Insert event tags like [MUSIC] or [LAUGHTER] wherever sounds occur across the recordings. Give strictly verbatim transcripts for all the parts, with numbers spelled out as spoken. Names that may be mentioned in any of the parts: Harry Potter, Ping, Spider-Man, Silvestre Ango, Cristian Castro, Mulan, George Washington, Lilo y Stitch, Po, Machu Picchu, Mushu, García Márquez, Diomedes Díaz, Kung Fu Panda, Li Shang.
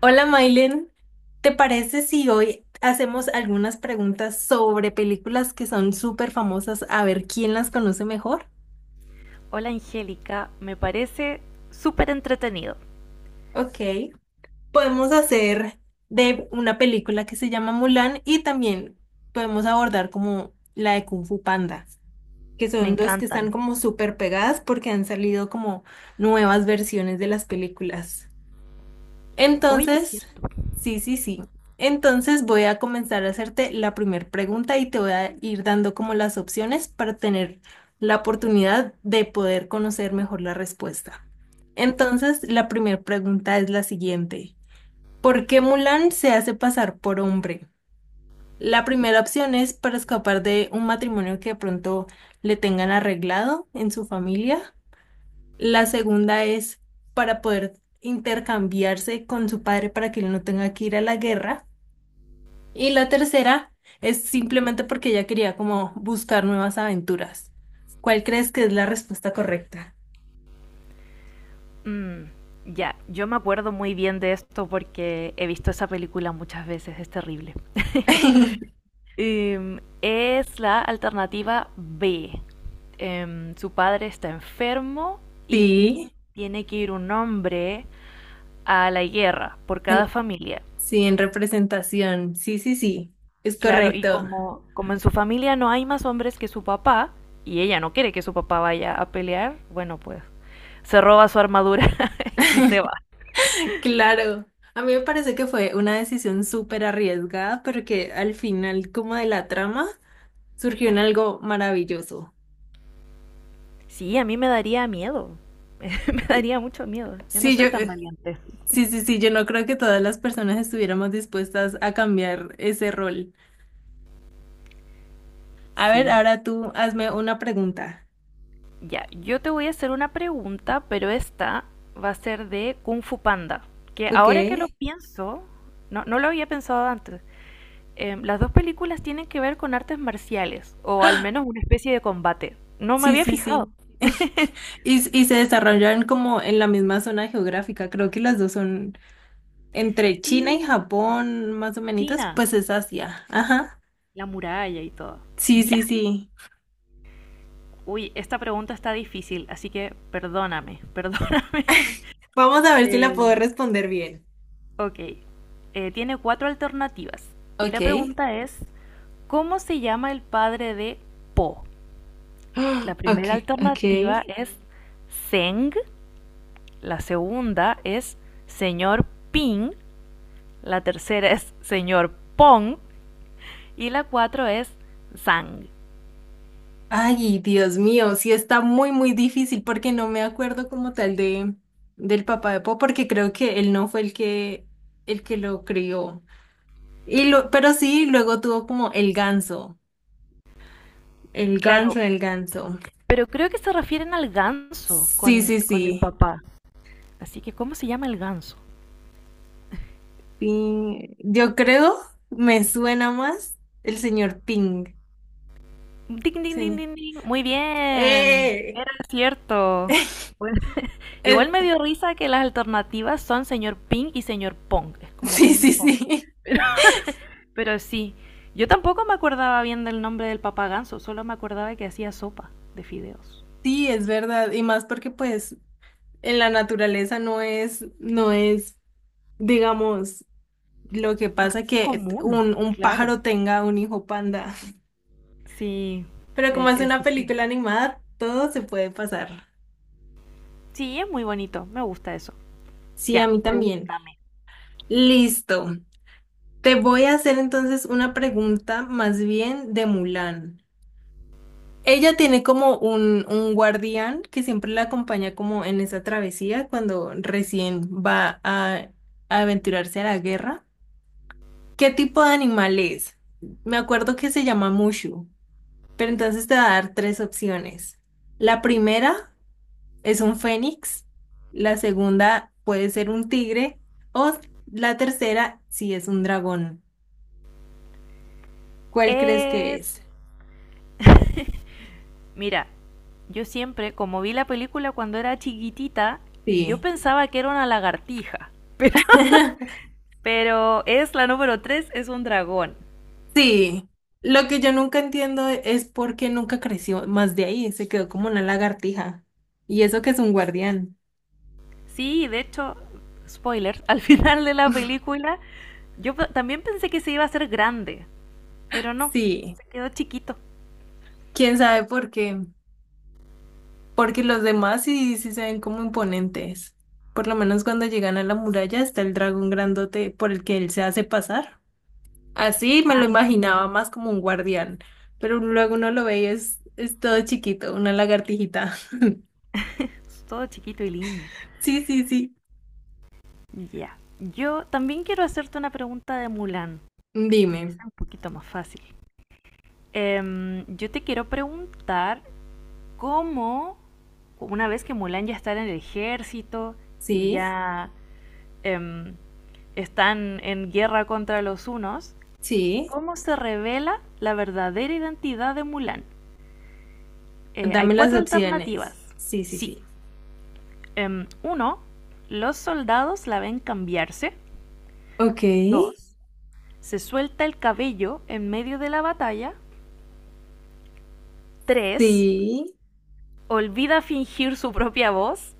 Hola, Mailen. ¿Te parece si hoy hacemos algunas preguntas sobre películas que son súper famosas, a ver quién las conoce mejor? Hola, Angélica, me parece súper entretenido. Ok, podemos hacer de una película que se llama Mulan y también podemos abordar como la de Kung Fu Panda, que Me son dos que están encantan. como súper pegadas porque han salido como nuevas versiones de las películas. Oye, es Entonces, cierto. sí, sí, sí. Entonces voy a comenzar a hacerte la primera pregunta y te voy a ir dando como las opciones para tener la oportunidad de poder conocer mejor la respuesta. Entonces, la primera pregunta es la siguiente. ¿Por qué Mulan se hace pasar por hombre? La primera opción es para escapar de un matrimonio que de pronto le tengan arreglado en su familia. La segunda es para poder intercambiarse con su padre para que él no tenga que ir a la guerra. Y la tercera es simplemente porque ella quería como buscar nuevas aventuras. ¿Cuál crees que es la respuesta correcta? Mm, ya, yo me acuerdo muy bien de esto porque he visto esa película muchas veces, es terrible. [LAUGHS] [LAUGHS] Em, es la alternativa B. Em, su padre está enfermo y Sí, tiene que ir un hombre a la guerra por cada en- familia. sí, en representación. Sí, sí, sí, es Claro, y correcto. como, como en su familia no hay más hombres que su papá, y ella no quiere que su papá vaya a pelear, bueno, pues se roba su armadura [LAUGHS] y se va. [LAUGHS] Claro. A mí me parece que fue una decisión súper arriesgada, pero que al final, como de la trama, surgió en algo maravilloso. Sí, a mí me daría miedo. [LAUGHS] Me daría mucho miedo. Yo no Sí, yo, soy tan eh, valiente. sí, sí, sí, yo no creo que todas las personas estuviéramos dispuestas a cambiar ese rol. A ver, Sí, ahora tú hazme una pregunta. ya. Yo te voy a hacer una pregunta, pero esta va a ser de Kung Fu Panda. Que Ok. ahora que lo pienso, no, no lo había pensado antes. Eh, las dos películas tienen que ver con artes marciales, o al menos una especie de combate. No me Sí, había sí, fijado. sí. [LAUGHS] Y, y se desarrollan como en la misma zona geográfica. Creo que las dos son entre China y Sí, Japón, más o menos, China, pues es Asia. Ajá. la muralla y todo. Sí, Ya. sí, sí. Uy, esta pregunta está difícil, así que perdóname, [LAUGHS] perdóname. Vamos a ver si la Eh, puedo responder bien. Ok, eh, tiene cuatro alternativas. Y Ok. la pregunta [GASPS] es, ¿cómo se llama el padre de Po? Ah, La primera Ok, ok. alternativa es Zeng, la segunda es señor Ping, la tercera es señor Pong y la cuatro es Zhang. Ay, Dios mío, sí está muy, muy difícil porque no me acuerdo como tal de del papá de Po, porque creo que él no fue el que el que lo crió. Y lo, pero sí, luego tuvo como el ganso, el Claro, ganso, el ganso. pero creo que se refieren al ganso Sí, con, sí, con el sí. papá. Así que, ¿cómo se llama el ganso? Ping. Yo creo me suena más el señor Ping. Ding, ding, ding, Señor. ding, ding. Muy bien, ¡Eh! era cierto. [LAUGHS] Igual Es- me dio risa que las alternativas son señor Ping y señor Pong. Es como sí, Ping sí, Pong. sí. [LAUGHS] Pero sí, yo tampoco me acordaba bien del nombre del papá ganso, solo me acordaba que hacía sopa de fideos. Sí, es verdad. Y más porque pues en la naturaleza no es, no es. Digamos, lo que pasa que Común, un, un claro. pájaro tenga un hijo panda. [LAUGHS] Sí, Pero como eh, es es una película distinto. animada, todo se puede pasar. Sí, es muy bonito, me gusta eso. Sí, a Ya, mí también. pregúntame. Listo. Te voy a hacer entonces una pregunta más bien de Mulan. Ella tiene como un, un guardián que siempre la acompaña como en esa travesía cuando recién va a a aventurarse a la guerra. ¿Qué tipo de animal es? Me acuerdo que se llama Mushu. Pero entonces te va a dar tres opciones. La primera es un fénix, la segunda puede ser un tigre o la tercera si es un dragón. ¿Cuál crees que Es... es? Mira, yo siempre, como vi la película cuando era chiquitita, yo Sí. pensaba que era una lagartija. [LAUGHS] Pero, [LAUGHS] es la número tres, es un dragón. Sí. Lo que yo nunca entiendo es por qué nunca creció más de ahí, se quedó como una lagartija. Y eso que es un guardián. Sí, de hecho, spoiler, [LAUGHS] al final de la película yo pe- también pensé que se iba a hacer grande, pero no, Sí. se quedó chiquito. ¿Quién sabe por qué? Porque los demás sí, sí se ven como imponentes. Por lo menos cuando llegan a la muralla está el dragón grandote por el que él se hace pasar. Así me lo Ay, sí, imaginaba más como un guardián, pero luego uno lo ve y es, es todo chiquito, una lagartijita. [LAUGHS] todo chiquito y lindo. Sí, sí, sí. Ya. Yo también quiero hacerte una pregunta de Mulan, y que Dime. sea un poquito más fácil. Em, yo te quiero preguntar cómo, una vez que Mulan ya está en el ejército y Sí, ya em, están en guerra contra los unos, sí. ¿cómo se revela la verdadera identidad de Mulan? Eh, hay Dame las cuatro alternativas. opciones. Sí, sí, Sí. sí. Em, uno, los soldados la ven cambiarse. Ok, Dos, se suelta el cabello en medio de la batalla. Tres, sí. olvida fingir su propia voz.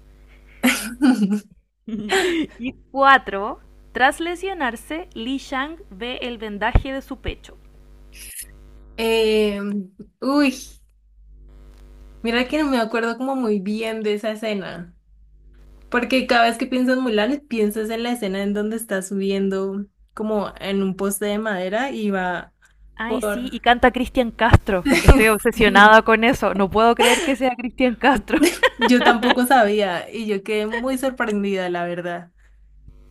[LAUGHS] [LAUGHS] Y cuatro, tras lesionarse, Li Shang ve el vendaje de su pecho. Eh, uy, mira que no me acuerdo como muy bien de esa escena. Porque cada vez que piensas en Mulan, piensas en la escena en donde está subiendo como en un poste de madera y va Ay, sí, por... y canta Cristian Castro. Estoy [LAUGHS] Sí, obsesionada con eso. No puedo creer que sea Cristian Castro. yo tampoco sabía y yo quedé muy sorprendida, la verdad.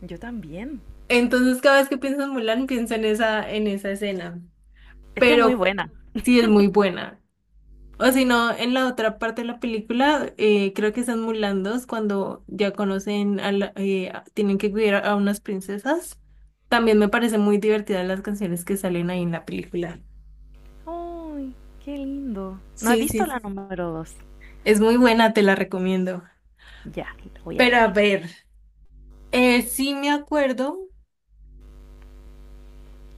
[LAUGHS] Yo también. Entonces cada vez que pienso en Mulan, pienso en esa, en esa escena. Es que es muy Pero buena. sí es muy buena. O si no, en la otra parte de la película, eh, creo que están mulandos cuando ya conocen a la, eh, a- tienen que cuidar a unas princesas. También me parecen muy divertidas las canciones que salen ahí en la película. Uy, qué lindo. No he Sí, sí. visto la sí. número dos. Es muy buena, te la recomiendo. Ya, la voy a Pero ver. a ver, eh, sí me acuerdo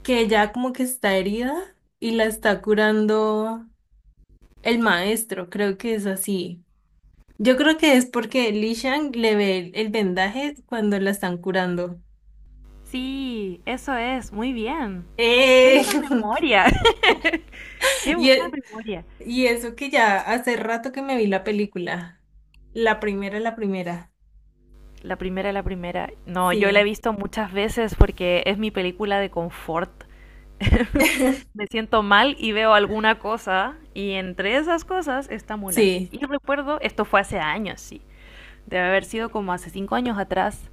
que ya como que está herida y la está curando el maestro, creo que es así. Yo creo que es porque Li Shang le ve el vendaje cuando la están curando. Sí, eso es, muy bien. Qué Eh, buena memoria. [LAUGHS] Qué [LAUGHS] y, buena e- memoria. y eso que ya hace rato que me vi la película. La primera, la primera. La primera, la primera. No, yo la he Sí, visto muchas veces porque es mi película de confort. [LAUGHS] Me siento mal y veo alguna cosa y entre esas cosas está Mulan. sí, Y recuerdo, esto fue hace años, sí. Debe haber sido como hace cinco años atrás.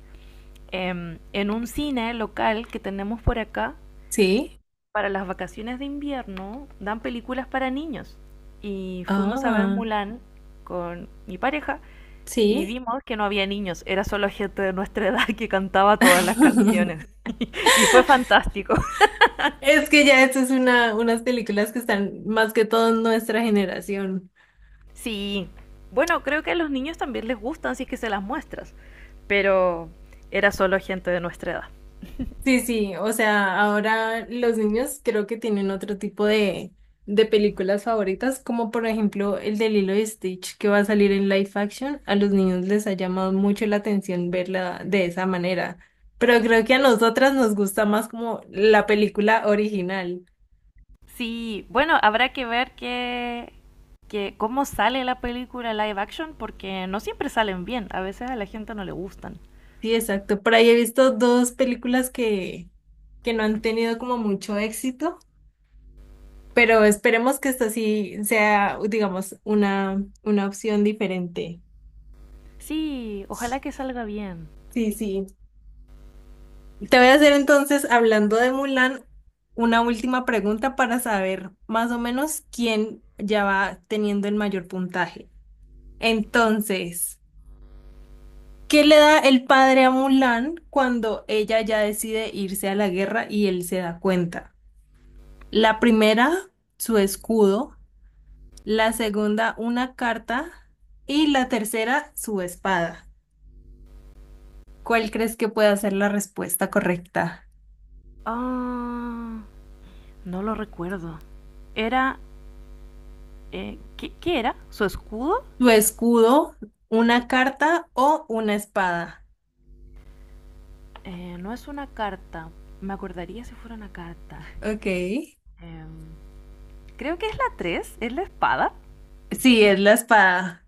em, En un cine local que tenemos por acá, sí. para las vacaciones de invierno dan películas para niños y fuimos a ver Ah, Mulan con mi pareja y sí. vimos que no había niños, era solo gente de nuestra [LAUGHS] edad que cantaba todas las canciones [LAUGHS] [LAUGHS] y fue fantástico. [LAUGHS] Es que ya estas es una, unas películas que están más que todo en nuestra generación. Sí, bueno, creo que a los niños también les gustan si es que se las muestras, pero era solo gente de nuestra edad. Sí, sí, o sea, ahora los niños creo que tienen otro tipo de, de películas favoritas, como por ejemplo el de Lilo y Stitch que va a salir en live action. A los niños les ha llamado mucho la atención verla de esa manera, pero creo que a nosotras nos gusta más como la película original. Sí, bueno, habrá que ver que, que cómo sale la película live action porque no siempre salen bien, a veces a la gente no le gustan. Sí, exacto. Por ahí he visto dos películas que, que no han tenido como mucho éxito, pero esperemos que esta sí sea, digamos, una, una opción diferente. Sí, ojalá que salga bien. Sí, sí. Te voy a hacer entonces, hablando de Mulan, una última pregunta para saber más o menos quién ya va teniendo el mayor puntaje. Entonces, ¿qué le da el padre a Mulan cuando ella ya decide irse a la guerra y él se da cuenta? La primera, su escudo, la segunda, una carta y la tercera, su espada. ¿Cuál crees que puede ser la respuesta correcta? Ah, no lo recuerdo. Era... eh, ¿qué, qué era? ¿Su escudo? Tu escudo, una carta o una espada. Eh, no es una carta. Me acordaría si fuera una carta. Ok. Em, Creo que es la tres. Es la espada. Sí, es la espada.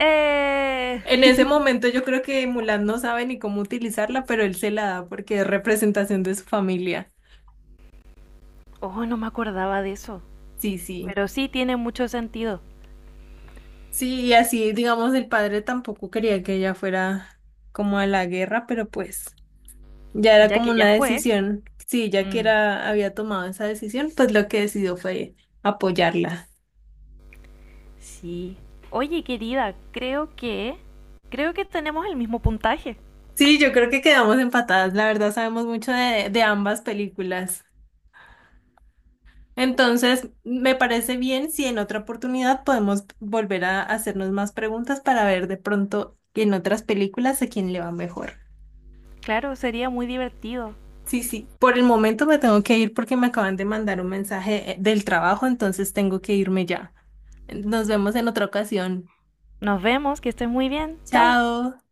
Eh... En ese momento yo creo que Mulan no sabe ni cómo utilizarla, pero él se la da porque es representación de su familia. Oh, no me acordaba de eso. Sí, sí. Pero sí tiene mucho sentido, Sí, y así, digamos, el padre tampoco quería que ella fuera como a la guerra, pero pues ya era ya como que ya una fue. decisión. Si ella que Mm, era, había tomado esa decisión, pues lo que decidió fue apoyarla. sí. Oye, querida, creo que... Creo que tenemos el mismo puntaje. Sí, yo creo que quedamos empatadas. La verdad, sabemos mucho de, de ambas películas. Entonces, me parece bien si en otra oportunidad podemos volver a hacernos más preguntas para ver de pronto en otras películas a quién le va mejor. Claro, sería muy divertido. Sí, sí. Por el momento me tengo que ir porque me acaban de mandar un mensaje eh, del trabajo, entonces tengo que irme ya. Nos vemos en otra ocasión. Nos vemos, que estés muy bien. Chao. Chao.